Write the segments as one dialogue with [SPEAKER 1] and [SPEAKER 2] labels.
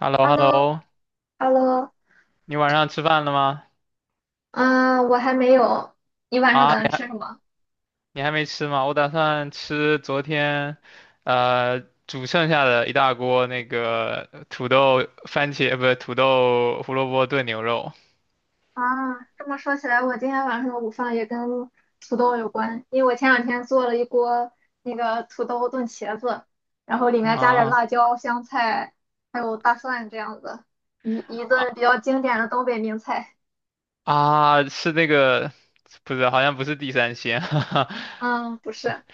[SPEAKER 1] h e l l o
[SPEAKER 2] h e
[SPEAKER 1] h
[SPEAKER 2] l
[SPEAKER 1] e
[SPEAKER 2] l
[SPEAKER 1] l l
[SPEAKER 2] o
[SPEAKER 1] o
[SPEAKER 2] h e l l o
[SPEAKER 1] 你晚上吃饭了吗？
[SPEAKER 2] 啊，我还没有。你晚上
[SPEAKER 1] 啊，
[SPEAKER 2] 打算
[SPEAKER 1] 你
[SPEAKER 2] 吃什
[SPEAKER 1] 还
[SPEAKER 2] 么？
[SPEAKER 1] 你还没吃吗？我打算吃昨天，呃，煮剩下的一大锅那个土豆番茄，不是土豆胡萝卜炖牛肉。
[SPEAKER 2] 啊，这么说起来，我今天晚上的午饭也跟土豆有关，因为我前两天做了一锅那个土豆炖茄子，然后里面加点
[SPEAKER 1] 啊
[SPEAKER 2] 辣椒、香菜，还有大蒜这样子，一一
[SPEAKER 1] 啊
[SPEAKER 2] 顿比较经典的东北名菜。
[SPEAKER 1] 啊！是那个，不是，好像不是地三鲜。哈哈，
[SPEAKER 2] 嗯，不是，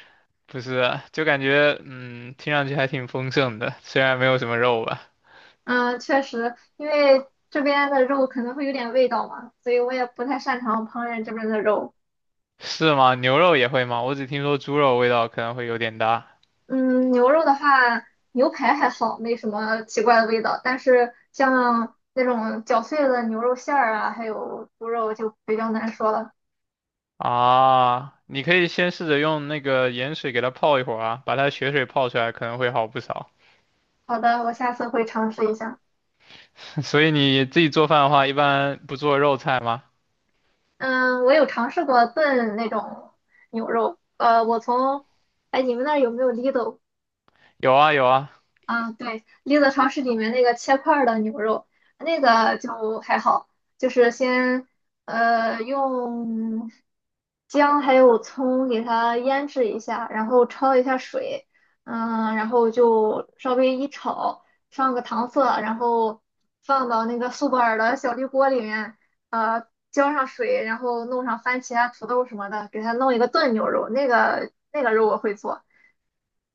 [SPEAKER 1] 不是，就感觉听上去还挺丰盛的，虽然没有什么肉吧。
[SPEAKER 2] 嗯，确实，因为这边的肉可能会有点味道嘛，所以我也不太擅长烹饪这边的肉。
[SPEAKER 1] 是吗？牛肉也会吗？我只听说猪肉味道可能会有点大。
[SPEAKER 2] 嗯，牛肉的话，牛排还好，没什么奇怪的味道。但是像那种绞碎的牛肉馅儿啊，还有猪肉就比较难说了。
[SPEAKER 1] 啊，你可以先试着用那个盐水给它泡一会儿啊，把它血水泡出来可能会好不少。
[SPEAKER 2] 好的，我下次会尝试一下。
[SPEAKER 1] 所以你自己做饭的话，一般不做肉菜吗？
[SPEAKER 2] 嗯，我有尝试过炖那种牛肉。我从，哎，你们那儿有没有 Lidl？
[SPEAKER 1] 有啊有啊，
[SPEAKER 2] 啊，对，绿色超市里面那个切块儿的牛肉，那个就还好，就是先用姜还有葱给它腌制一下，然后焯一下水，嗯，然后就稍微一炒，上个糖色，然后放到那个苏泊尔的小绿锅里面，浇上水，然后弄上番茄啊、土豆什么的，给它弄一个炖牛肉，那个肉我会做。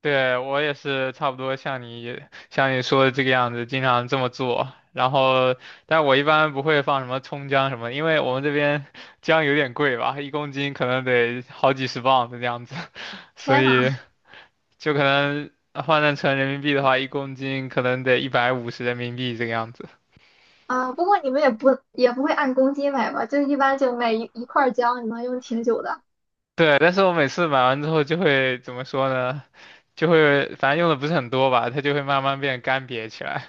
[SPEAKER 1] 对，我也是差不多像你说的这个样子，经常这么做。然后，但我一般不会放什么葱姜什么的，因为我们这边 姜有点贵吧，1公斤可能得好几十磅的这样子。所
[SPEAKER 2] 天呐！
[SPEAKER 1] 以就可能换算成人民币的话，一公斤可能得150人民币这个样子。
[SPEAKER 2] 啊，不过你们也不会按公斤买吧？就一般就买一块儿姜，你能用挺久的。
[SPEAKER 1] 对，但是我每次买完之后就会怎么说呢？就会反正用的不是很多吧，它就会慢慢变干瘪起来。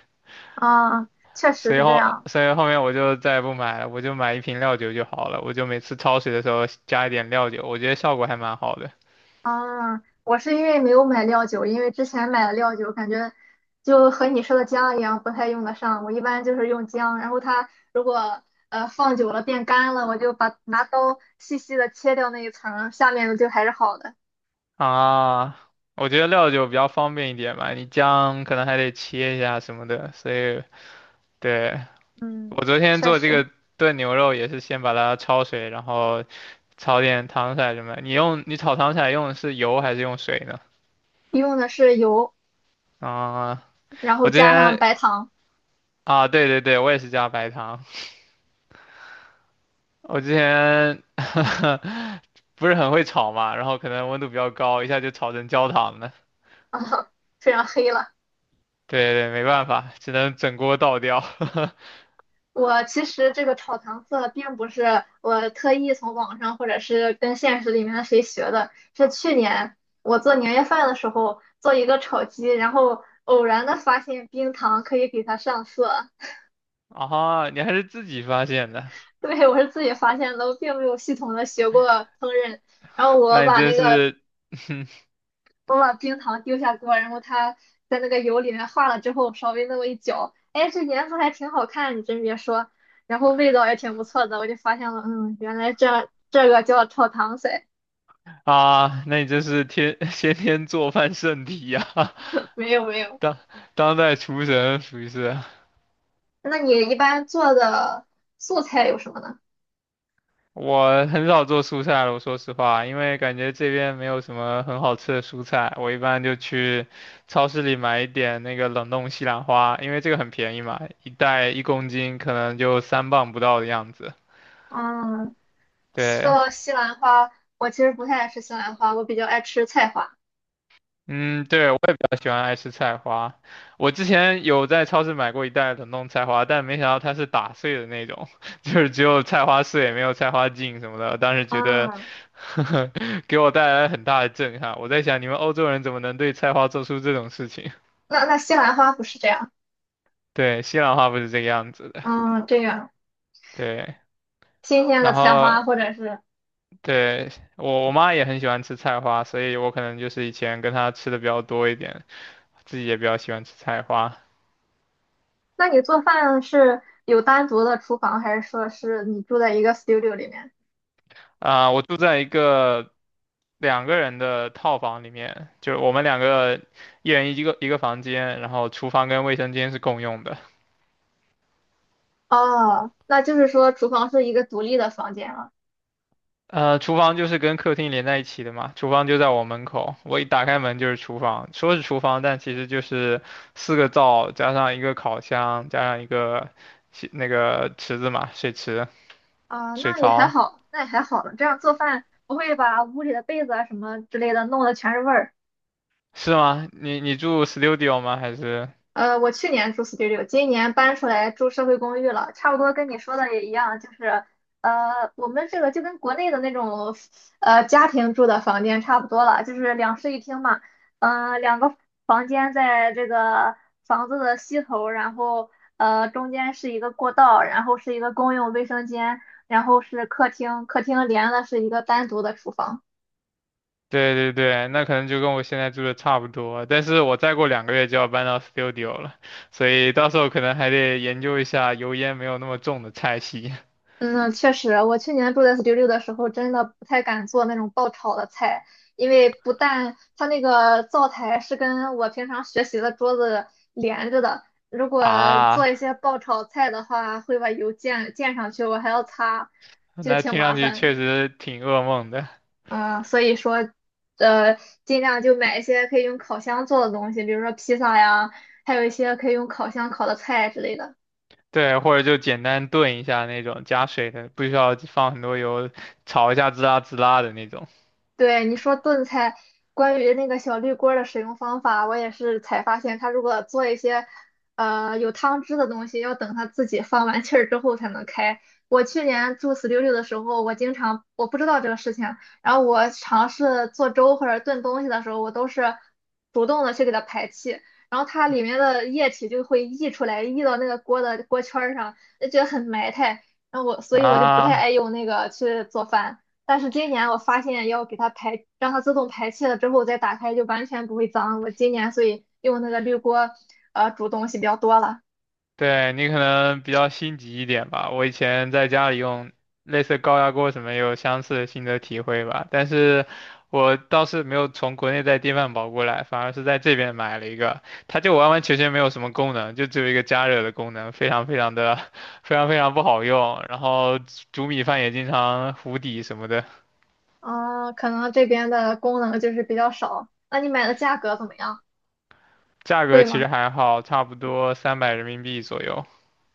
[SPEAKER 2] 啊，确实是这样。
[SPEAKER 1] 所以后面我就再也不买了，我就买一瓶料酒就好了。我就每次焯水的时候加一点料酒，我觉得效果还蛮好的。
[SPEAKER 2] 啊，我是因为没有买料酒，因为之前买的料酒，感觉就和你说的姜一样，不太用得上。我一般就是用姜，然后它如果放久了变干了，我就把拿刀细细的切掉那一层儿下面的就还是好的。
[SPEAKER 1] 啊。我觉得料酒比较方便一点嘛，你姜可能还得切一下什么的。所以，对，
[SPEAKER 2] 嗯，
[SPEAKER 1] 我昨天
[SPEAKER 2] 确
[SPEAKER 1] 做这
[SPEAKER 2] 实
[SPEAKER 1] 个炖牛肉也是先把它焯水，然后炒点糖色什么的。你用你炒糖色用的是油还是用水呢？
[SPEAKER 2] 用的是油，
[SPEAKER 1] 啊，
[SPEAKER 2] 然后
[SPEAKER 1] 我之
[SPEAKER 2] 加上
[SPEAKER 1] 前
[SPEAKER 2] 白糖，
[SPEAKER 1] 啊，对对对，我也是加白糖。我之前 不是很会炒嘛，然后可能温度比较高，一下就炒成焦糖了。
[SPEAKER 2] 非常黑了。
[SPEAKER 1] 对对，没办法，只能整锅倒掉。
[SPEAKER 2] 我其实这个炒糖色并不是我特意从网上或者是跟现实里面的谁学的，是去年我做年夜饭的时候做一个炒鸡，然后偶然的发现冰糖可以给它上色。
[SPEAKER 1] 啊，你还是自己发现的。
[SPEAKER 2] 对，我是自己发现的，我并没有系统的学过烹饪。然后我
[SPEAKER 1] 那你
[SPEAKER 2] 把
[SPEAKER 1] 真
[SPEAKER 2] 那个
[SPEAKER 1] 是
[SPEAKER 2] 我把冰糖丢下锅，然后它在那个油里面化了之后，稍微那么一搅，哎，这颜色还挺好看，你真别说，然后味道也挺不错的，我就发现了，嗯，原来这个叫炒糖色，
[SPEAKER 1] 啊，那你真是天 先天做饭圣体呀、
[SPEAKER 2] 没有没 有。
[SPEAKER 1] 当当代厨神属于是。
[SPEAKER 2] 那你一般做的素菜有什么呢？
[SPEAKER 1] 我很少做蔬菜了，我说实话，因为感觉这边没有什么很好吃的蔬菜，我一般就去超市里买一点那个冷冻西兰花，因为这个很便宜嘛，一袋一公斤可能就3磅不到的样子。
[SPEAKER 2] 嗯，说
[SPEAKER 1] 对，
[SPEAKER 2] 到西兰花，我其实不太爱吃西兰花，我比较爱吃菜花。
[SPEAKER 1] 嗯，对，我也比较喜欢爱吃菜花。我之前有在超市买过一袋冷冻菜花，但没想到它是打碎的那种，就是只有菜花碎，没有菜花茎什么的。当时觉得，
[SPEAKER 2] 嗯，
[SPEAKER 1] 给我带来很大的震撼。我在想，你们欧洲人怎么能对菜花做出这种事情？
[SPEAKER 2] 那那西兰花不是这样，
[SPEAKER 1] 对，西兰花不是这个样子的。
[SPEAKER 2] 嗯，这样
[SPEAKER 1] 对，
[SPEAKER 2] 新鲜的
[SPEAKER 1] 然
[SPEAKER 2] 菜
[SPEAKER 1] 后
[SPEAKER 2] 花或者是
[SPEAKER 1] 对，我妈也很喜欢吃菜花，所以我可能就是以前跟她吃的比较多一点，自己也比较喜欢吃菜花。
[SPEAKER 2] 那你做饭是有单独的厨房，还是说是你住在一个 studio 里面？
[SPEAKER 1] 啊、我住在一个两个人的套房里面，就是我们两个一人一个房间，然后厨房跟卫生间是共用的。
[SPEAKER 2] 哦，那就是说厨房是一个独立的房间了。
[SPEAKER 1] 呃，厨房就是跟客厅连在一起的嘛，厨房就在我门口，我一打开门就是厨房，说是厨房，但其实就是四个灶加上一个烤箱，加上一个洗那个池子嘛，水池、
[SPEAKER 2] 啊，
[SPEAKER 1] 水
[SPEAKER 2] 那也还
[SPEAKER 1] 槽，
[SPEAKER 2] 好，那也还好了。这样做饭不会把屋里的被子啊什么之类的弄得全是味儿。
[SPEAKER 1] 是吗？你住 studio 吗？还是？
[SPEAKER 2] 我去年住 studio，今年搬出来住社会公寓了，差不多跟你说的也一样，就是我们这个就跟国内的那种家庭住的房间差不多了，就是两室一厅嘛，两个房间在这个房子的西头，然后中间是一个过道，然后是一个公用卫生间，然后是客厅，客厅连的是一个单独的厨房。
[SPEAKER 1] 对对对，那可能就跟我现在住的差不多，但是我再过2个月就要搬到 studio 了，所以到时候可能还得研究一下油烟没有那么重的菜系。
[SPEAKER 2] 嗯，确实，我去年住在 studio 的时候，真的不太敢做那种爆炒的菜，因为不但它那个灶台是跟我平常学习的桌子连着的，如果 做一
[SPEAKER 1] 啊。
[SPEAKER 2] 些爆炒菜的话，会把油溅上去，我还要擦，就
[SPEAKER 1] 那
[SPEAKER 2] 挺
[SPEAKER 1] 听
[SPEAKER 2] 麻
[SPEAKER 1] 上去
[SPEAKER 2] 烦。
[SPEAKER 1] 确实挺噩梦的，
[SPEAKER 2] 啊、所以说，呃，尽量就买一些可以用烤箱做的东西，比如说披萨呀，还有一些可以用烤箱烤的菜之类的。
[SPEAKER 1] 对，或者就简单炖一下那种加水的，不需要放很多油，炒一下滋啦滋啦的那种。
[SPEAKER 2] 对，你说炖菜，关于那个小绿锅儿的使用方法，我也是才发现，它如果做一些有汤汁的东西，要等它自己放完气儿之后才能开。我去年住四六六的时候，我经常我不知道这个事情，然后我尝试做粥或者炖东西的时候，我都是主动的去给它排气，然后它里面的液体就会溢出来，溢到那个锅的锅圈儿上，就觉得很埋汰。然后我，所以我就不太爱
[SPEAKER 1] 啊。
[SPEAKER 2] 用那个去做饭。但是今年我发现要给它排，让它自动排气了之后再打开就完全不会脏。我今年所以用那个绿锅，煮东西比较多了。
[SPEAKER 1] 对，你可能比较心急一点吧。我以前在家里用类似高压锅什么，也有相似的心得体会吧。但是我倒是没有从国内带电饭煲过来，反而是在这边买了一个，它就完完全全没有什么功能，就只有一个加热的功能，非常非常的 非常非常不好用。然后煮米饭也经常糊底什么的，
[SPEAKER 2] 啊、可能这边的功能就是比较少。那你买的价格怎么样？
[SPEAKER 1] 价格
[SPEAKER 2] 贵
[SPEAKER 1] 其
[SPEAKER 2] 吗？
[SPEAKER 1] 实还好，差不多300人民币左右。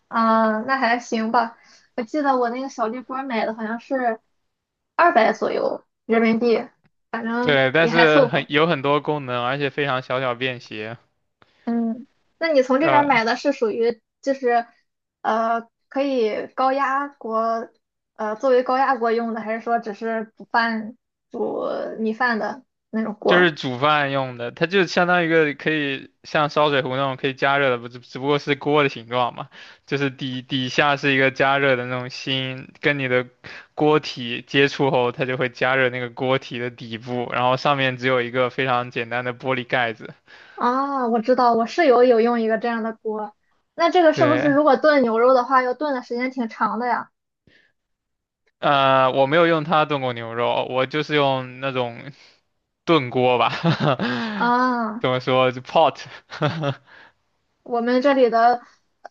[SPEAKER 2] 啊、那还行吧。我记得我那个小绿锅买的好像是200左右人民币，反正
[SPEAKER 1] 对，但
[SPEAKER 2] 也还
[SPEAKER 1] 是
[SPEAKER 2] 凑
[SPEAKER 1] 很
[SPEAKER 2] 合。
[SPEAKER 1] 有很多功能，而且非常小巧便携。
[SPEAKER 2] 嗯，那你从这边儿
[SPEAKER 1] 呃，
[SPEAKER 2] 买的是属于就是可以高压锅作为高压锅用的，还是说只是煮米饭的那种
[SPEAKER 1] 就是
[SPEAKER 2] 锅？
[SPEAKER 1] 煮饭用的，它就相当于一个可以像烧水壶那种可以加热的，不只不过是锅的形状嘛，就是底下是一个加热的那种芯，跟你的锅体接触后，它就会加热那个锅体的底部，然后上面只有一个非常简单的玻璃盖子。
[SPEAKER 2] 啊，我知道，我室友有用一个这样的锅。那这个是不是
[SPEAKER 1] 对，
[SPEAKER 2] 如果炖牛肉的话，要炖的时间挺长的呀？
[SPEAKER 1] 呃，我没有用它炖过牛肉，我就是用那种炖锅吧，怎
[SPEAKER 2] 啊。
[SPEAKER 1] 么说就 pot。
[SPEAKER 2] 我们这里的，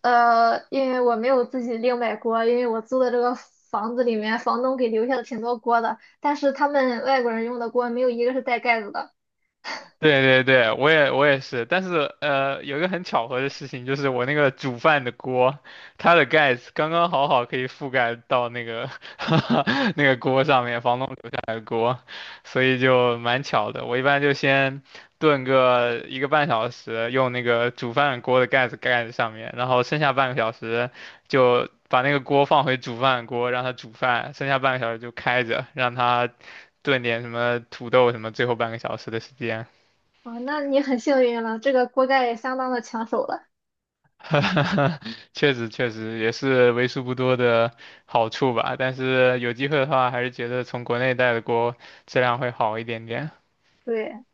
[SPEAKER 2] 因为我没有自己另买锅，因为我租的这个房子里面，房东给留下了挺多锅的，但是他们外国人用的锅没有一个是带盖子的。
[SPEAKER 1] 对对对，我也是，但是呃，有一个很巧合的事情，就是我那个煮饭的锅，它的盖子刚刚好可以覆盖到那个 那个锅上面，房东留下来的锅，所以就蛮巧的。我一般就先炖个1个半小时，用那个煮饭锅的盖子盖在上面，然后剩下半个小时就把那个锅放回煮饭锅，让它煮饭，剩下半个小时就开着，让它炖点什么土豆什么，最后半个小时的时间。
[SPEAKER 2] 啊，那你很幸运了，这个锅盖也相当的抢手了。
[SPEAKER 1] 确实也是为数不多的好处吧，但是有机会的话，还是觉得从国内带的锅质量会好一点点。
[SPEAKER 2] 对，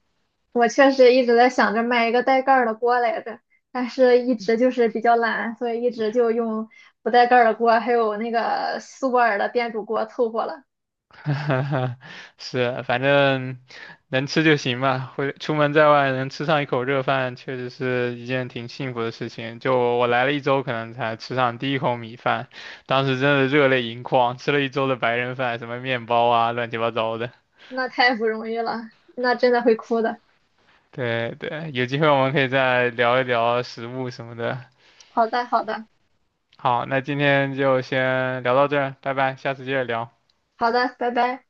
[SPEAKER 2] 我确实一直在想着买一个带盖儿的锅来着，但是一直就是比较懒，所以一直就用不带盖儿的锅，还有那个苏泊尔的电煮锅凑合了。
[SPEAKER 1] 是，反正能吃就行嘛。会出门在外能吃上一口热饭，确实是一件挺幸福的事情。就我来了一周，可能才吃上第一口米饭，当时真的热泪盈眶，吃了一周的白人饭，什么面包啊，乱七八糟的。
[SPEAKER 2] 那太不容易了，那真的会哭的。
[SPEAKER 1] 对对，有机会我们可以再聊一聊食物什么的。
[SPEAKER 2] 好的，好的，
[SPEAKER 1] 好，那今天就先聊到这儿，拜拜，下次接着聊。
[SPEAKER 2] 好的，拜拜。